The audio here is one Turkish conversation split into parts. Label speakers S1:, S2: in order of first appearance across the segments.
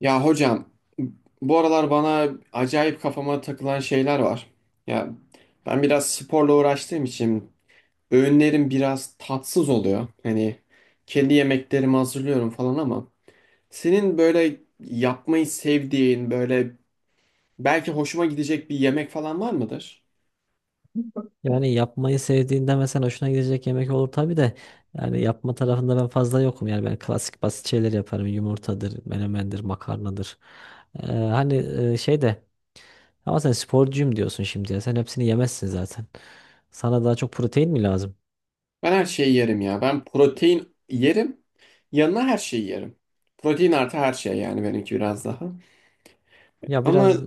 S1: Ya hocam, bu aralar bana acayip kafama takılan şeyler var. Ya, ben biraz sporla uğraştığım için öğünlerim biraz tatsız oluyor. Hani kendi yemeklerimi hazırlıyorum falan ama senin böyle yapmayı sevdiğin, böyle belki hoşuma gidecek bir yemek falan var mıdır?
S2: Yani yapmayı sevdiğinde mesela hoşuna gidecek yemek olur tabii de yani yapma tarafında ben fazla yokum. Yani ben klasik basit şeyler yaparım. Yumurtadır, menemendir, makarnadır. Hani şey de, ama sen sporcuyum diyorsun şimdi ya. Sen hepsini yemezsin zaten. Sana daha çok protein mi lazım?
S1: Ben her şeyi yerim ya. Ben protein yerim. Yanına her şeyi yerim. Protein artı her şey, yani benimki biraz daha.
S2: Ya
S1: Ama
S2: biraz.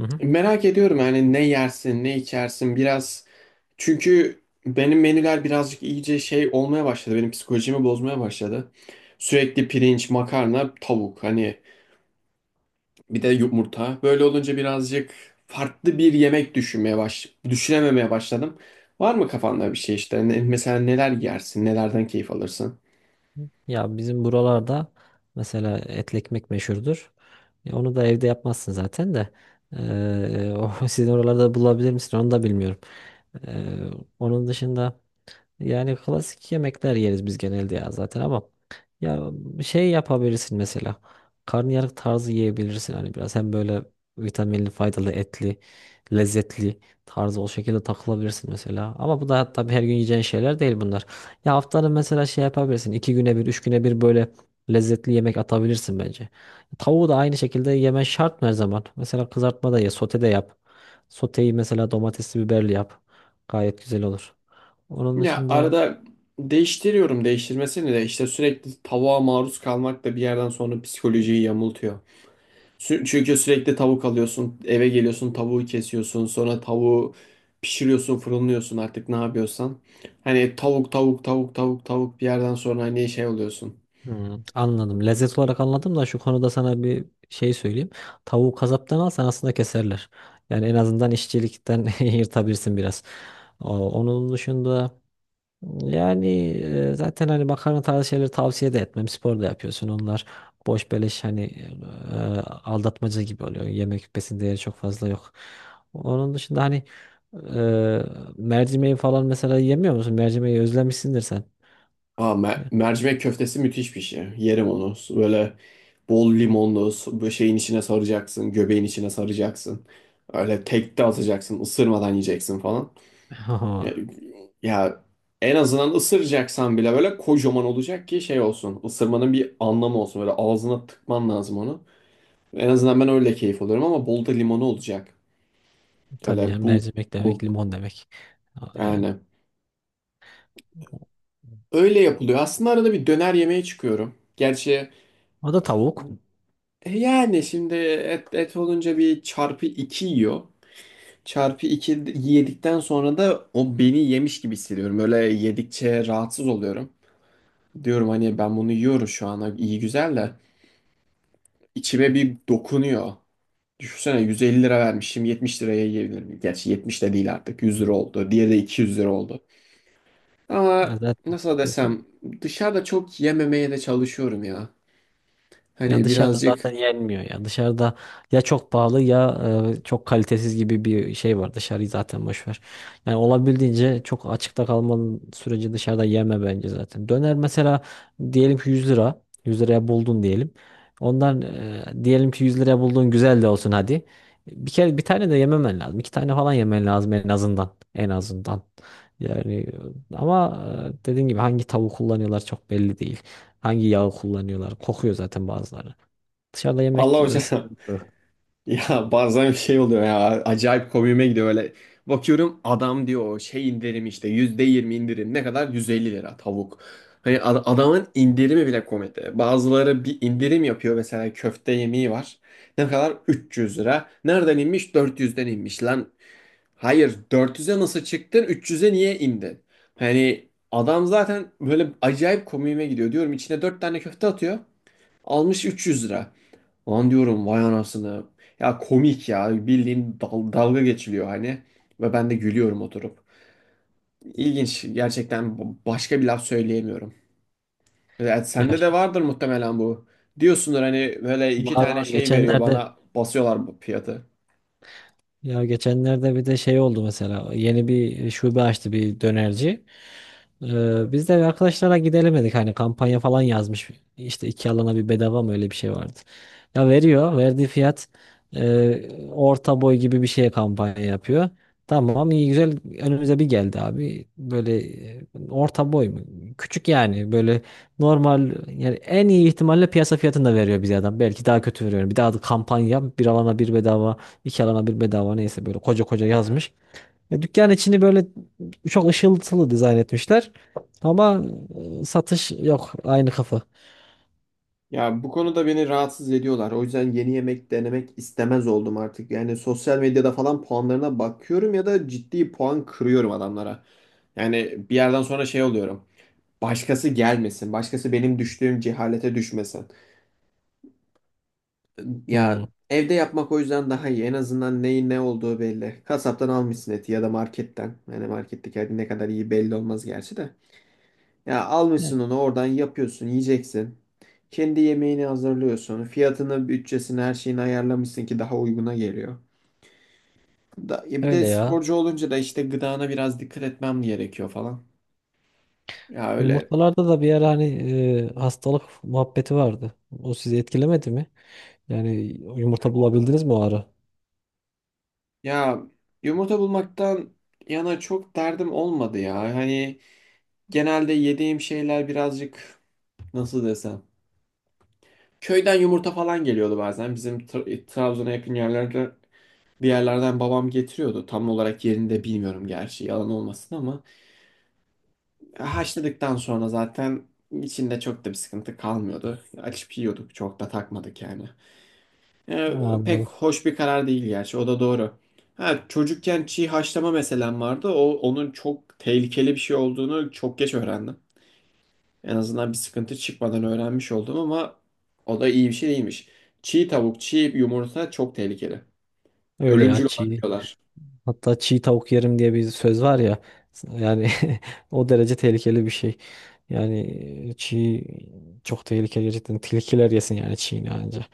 S2: Hı hı.
S1: merak ediyorum yani, ne yersin, ne içersin biraz. Çünkü benim menüler birazcık iyice şey olmaya başladı. Benim psikolojimi bozmaya başladı. Sürekli pirinç, makarna, tavuk, hani bir de yumurta. Böyle olunca birazcık farklı bir yemek düşünmeye düşünememeye başladım. Var mı kafanda bir şey işte? Mesela neler yersin? Nelerden keyif alırsın?
S2: Ya bizim buralarda mesela etli ekmek meşhurdur. Ya onu da evde yapmazsın zaten de. Ee, o sizin oralarda bulabilir misin onu da bilmiyorum. Ee, onun dışında, yani klasik yemekler yeriz biz genelde ya zaten, ama ya şey yapabilirsin mesela. Karnıyarık tarzı yiyebilirsin hani, biraz hem böyle vitaminli, faydalı, etli, lezzetli tarzı o şekilde takılabilirsin mesela. Ama bu da tabii her gün yiyeceğin şeyler değil bunlar. Ya haftanın mesela şey yapabilirsin. İki güne bir, üç güne bir böyle lezzetli yemek atabilirsin bence. Tavuğu da aynı şekilde yemen şart mı her zaman? Mesela kızartma da ye, sote de yap. Soteyi mesela domatesli biberli yap. Gayet güzel olur. Onun
S1: Ya
S2: dışında,
S1: arada değiştiriyorum, değiştirmesini de işte, sürekli tavuğa maruz kalmak da bir yerden sonra psikolojiyi yamultuyor. Çünkü sürekli tavuk alıyorsun, eve geliyorsun, tavuğu kesiyorsun, sonra tavuğu pişiriyorsun, fırınlıyorsun artık ne yapıyorsan. Hani tavuk, tavuk, tavuk, tavuk, tavuk, bir yerden sonra hani şey oluyorsun.
S2: hmm, anladım. Lezzet olarak anladım da şu konuda sana bir şey söyleyeyim. Tavuğu kasaptan alsan aslında keserler. Yani en azından işçilikten yırtabilirsin biraz. Onun dışında, yani zaten hani makarna tarzı şeyleri tavsiye de etmem. Spor da yapıyorsun. Onlar boş beleş, hani aldatmaca gibi oluyor. Yemek besin değeri çok fazla yok. Onun dışında hani e, mercimeği falan mesela yemiyor musun? Mercimeği özlemişsindir sen.
S1: Aa, mercimek köftesi müthiş bir şey. Yerim onu. Böyle bol limonlu, böyle şeyin içine saracaksın, göbeğin içine saracaksın. Öyle tek de atacaksın, ısırmadan yiyeceksin falan. Ya, ya, en azından ısıracaksan bile böyle kocaman olacak ki şey olsun. Isırmanın bir anlamı olsun. Böyle ağzına tıkman lazım onu. En azından ben öyle keyif alıyorum, ama bol da limonu olacak.
S2: Tabii
S1: Öyle
S2: canım,
S1: bu
S2: mercimek
S1: bu
S2: demek limon demek. Yani
S1: yani.
S2: o
S1: Öyle yapılıyor. Aslında arada bir döner yemeye çıkıyorum. Gerçi
S2: o da tavuk.
S1: yani şimdi et olunca bir çarpı iki yiyor. Çarpı iki yedikten sonra da o beni yemiş gibi hissediyorum. Böyle yedikçe rahatsız oluyorum. Diyorum hani ben bunu yiyorum, şu ana iyi güzel de. İçime bir dokunuyor. Düşünsene 150 lira vermişim, 70 liraya yiyebilirim. Gerçi 70 de değil, artık 100 lira oldu. Diğeri de 200 lira oldu.
S2: Ya
S1: Ama
S2: zaten,
S1: nasıl desem, dışarıda çok yememeye de çalışıyorum ya.
S2: ya
S1: Hani
S2: dışarıda
S1: birazcık...
S2: zaten yenmiyor ya. Dışarıda ya çok pahalı ya çok kalitesiz gibi bir şey var. Dışarıyı zaten boş ver. Yani olabildiğince çok açıkta kalmanın sürece dışarıda yeme bence zaten. Döner mesela diyelim ki 100 lira. 100 liraya buldun diyelim. Ondan diyelim ki 100 liraya bulduğun güzel de olsun hadi. Bir kere bir tane de yememen lazım. İki tane falan yemen lazım en azından. En azından. Yani ama dediğim gibi hangi tavuğu kullanıyorlar çok belli değil. Hangi yağı kullanıyorlar? Kokuyor zaten bazıları. Dışarıda yemek
S1: Allah hocam.
S2: sıkıntı.
S1: Ya, bazen bir şey oluyor ya, acayip komiğime gidiyor öyle. Bakıyorum adam diyor şey indirim işte, %20 indirim. Ne kadar? 150 lira tavuk. Hani adamın indirimi bile komedi. Bazıları bir indirim yapıyor, mesela köfte yemeği var. Ne kadar? 300 lira. Nereden inmiş? 400'den inmiş lan. Hayır, 400'e nasıl çıktın, 300'e niye indin? Hani adam zaten böyle acayip komiğime gidiyor, diyorum içine 4 tane köfte atıyor. Almış 300 lira. Lan diyorum vay anasını. Ya komik ya, bildiğin dalga geçiliyor hani. Ve ben de gülüyorum oturup. İlginç gerçekten, başka bir laf söyleyemiyorum. Evet,
S2: Ya
S1: sende de vardır muhtemelen bu. Diyorsundur hani böyle iki
S2: var
S1: tane
S2: var.
S1: şey veriyor,
S2: Geçenlerde
S1: bana basıyorlar bu fiyatı.
S2: Ya geçenlerde bir de şey oldu mesela, yeni bir şube açtı bir dönerci. Biz de arkadaşlara gidelim, hani kampanya falan yazmış. İşte iki alana bir bedava mı, öyle bir şey vardı. Ya veriyor verdiği fiyat, orta boy gibi bir şeye kampanya yapıyor. Tamam, iyi güzel önümüze bir geldi abi. Böyle e, orta boy mu? Küçük yani, böyle normal yani en iyi ihtimalle piyasa fiyatını da veriyor bize adam. Belki daha kötü veriyor. Bir daha da kampanya bir alana bir bedava. İki alana bir bedava, neyse böyle koca koca yazmış. Ya dükkan içini böyle çok ışıltılı dizayn etmişler. Ama satış yok, aynı kafa.
S1: Ya bu konuda beni rahatsız ediyorlar. O yüzden yeni yemek denemek istemez oldum artık. Yani sosyal medyada falan puanlarına bakıyorum ya da ciddi puan kırıyorum adamlara. Yani bir yerden sonra şey oluyorum. Başkası gelmesin. Başkası benim düştüğüm cehalete düşmesin.
S2: Hmm.
S1: Ya evde yapmak o yüzden daha iyi. En azından neyin ne olduğu belli. Kasaptan almışsın eti ya da marketten. Yani marketteki et ne kadar iyi belli olmaz gerçi de. Ya almışsın
S2: Yani.
S1: onu, oradan yapıyorsun, yiyeceksin. Kendi yemeğini hazırlıyorsun. Fiyatını, bütçesini, her şeyini ayarlamışsın ki daha uyguna geliyor. Da, ya bir de
S2: Öyle ya.
S1: sporcu olunca da işte gıdana biraz dikkat etmem gerekiyor falan. Ya öyle.
S2: Yumurtalarda da bir ara hani hastalık muhabbeti vardı. O sizi etkilemedi mi? Yani yumurta bulabildiniz mi o ara?
S1: Ya, yumurta bulmaktan yana çok derdim olmadı ya. Hani genelde yediğim şeyler birazcık, nasıl desem... Köyden yumurta falan geliyordu bazen. Bizim Trabzon'a yakın yerlerde bir yerlerden babam getiriyordu. Tam olarak yerini de bilmiyorum gerçi, yalan olmasın ama. Haşladıktan sonra zaten içinde çok da bir sıkıntı kalmıyordu. Açıp yiyorduk, çok da takmadık yani.
S2: Ha,
S1: Ee, pek
S2: anladım.
S1: hoş bir karar değil gerçi. O da doğru. Ha, çocukken çiğ haşlama meselem vardı. O onun çok tehlikeli bir şey olduğunu çok geç öğrendim. En azından bir sıkıntı çıkmadan öğrenmiş oldum ama o da iyi bir şey değilmiş. Çiğ tavuk, çiğ yumurta çok tehlikeli.
S2: Öyle ya,
S1: Ölümcül
S2: çiğ.
S1: olabiliyorlar.
S2: Hatta çiğ tavuk yerim diye bir söz var ya. Yani o derece tehlikeli bir şey. Yani çiğ çok tehlikeli gerçekten. Tilkiler yesin yani çiğini anca.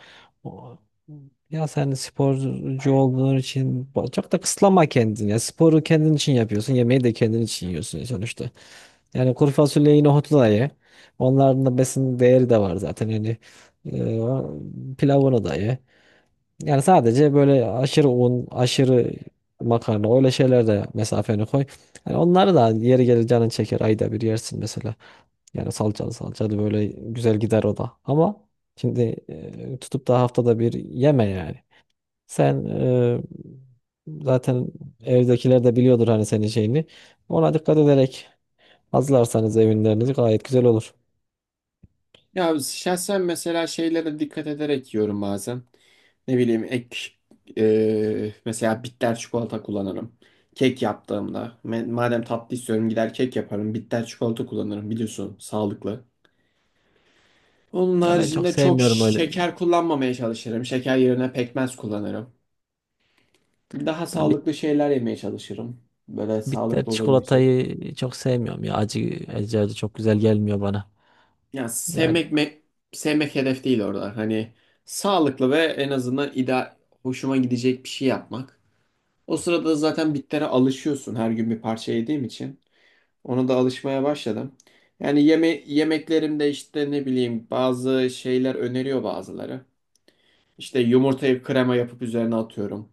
S2: O- Ya sen sporcu olduğun için çok da kısıtlama kendini. Ya sporu kendin için yapıyorsun. Yemeği de kendin için yiyorsun sonuçta. Yani kuru fasulyeyi, nohutu da ye. Onların da besin değeri de var zaten. Yani pilavını da ye. Yani sadece böyle aşırı un, aşırı makarna, öyle şeyler de mesafeni koy. Yani onları da yeri gelir canın çeker, ayda bir yersin mesela. Yani salçalı salçalı böyle güzel gider o da. Ama şimdi tutup da haftada bir yeme yani. Sen zaten evdekiler de biliyordur hani senin şeyini. Ona dikkat ederek hazırlarsanız evinlerinizi gayet güzel olur.
S1: Ya şahsen mesela şeylere dikkat ederek yiyorum bazen. Ne bileyim, mesela bitter çikolata kullanırım. Kek yaptığımda madem tatlı istiyorum gider kek yaparım. Bitter çikolata kullanırım, biliyorsun sağlıklı. Onun
S2: Ya ben çok
S1: haricinde çok
S2: sevmiyorum öyle.
S1: şeker kullanmamaya çalışırım. Şeker yerine pekmez kullanırım. Daha
S2: Ben
S1: sağlıklı şeyler yemeye çalışırım. Böyle
S2: Bitter
S1: sağlıklı olabilecek.
S2: çikolatayı çok sevmiyorum ya. Acı çok güzel gelmiyor bana.
S1: Ya
S2: Yani
S1: sevmek hedef değil orada. Hani sağlıklı ve en azından hoşuma gidecek bir şey yapmak. O sırada zaten bitlere alışıyorsun her gün bir parça yediğim için. Ona da alışmaya başladım. Yani yemeklerimde işte ne bileyim bazı şeyler öneriyor bazıları. İşte yumurtayı krema yapıp üzerine atıyorum.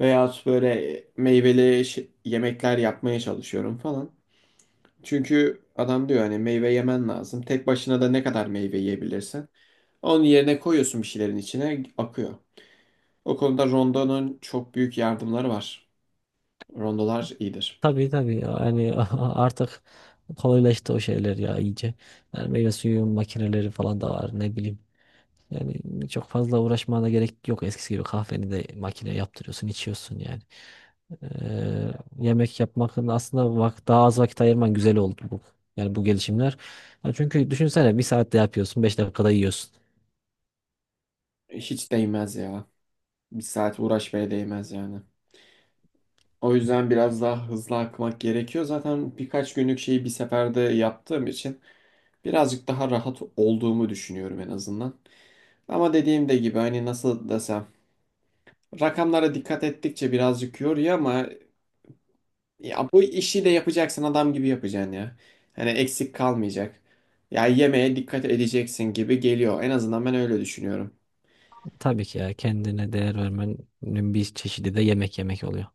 S1: Veya böyle meyveli yemekler yapmaya çalışıyorum falan. Çünkü adam diyor hani meyve yemen lazım. Tek başına da ne kadar meyve yiyebilirsin. Onun yerine koyuyorsun bir şeylerin içine akıyor. O konuda rondonun çok büyük yardımları var. Rondolar iyidir.
S2: tabii tabii yani artık kolaylaştı o şeyler ya iyice. Yani meyve suyu makineleri falan da var, ne bileyim. Yani çok fazla uğraşmana gerek yok. Eskisi gibi kahveni de makine yaptırıyorsun, içiyorsun yani. Ee, yemek yapmakın aslında daha az vakit ayırman güzel oldu bu. Yani bu gelişimler. Yani çünkü düşünsene bir saatte yapıyorsun, beş dakikada yiyorsun.
S1: Hiç değmez ya. Bir saat uğraşmaya değmez yani. O yüzden biraz daha hızlı akmak gerekiyor. Zaten birkaç günlük şeyi bir seferde yaptığım için birazcık daha rahat olduğumu düşünüyorum en azından. Ama dediğim de gibi, hani nasıl desem, rakamlara dikkat ettikçe birazcık yoruyor ama ya bu işi de yapacaksın, adam gibi yapacaksın ya. Hani eksik kalmayacak. Ya yemeğe dikkat edeceksin gibi geliyor. En azından ben öyle düşünüyorum.
S2: Tabii ki ya, kendine değer vermenin bir çeşidi de yemek yemek oluyor.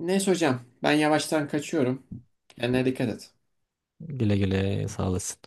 S1: Neyse hocam, ben yavaştan kaçıyorum. Kendine dikkat et.
S2: Güle güle, sağ olasın.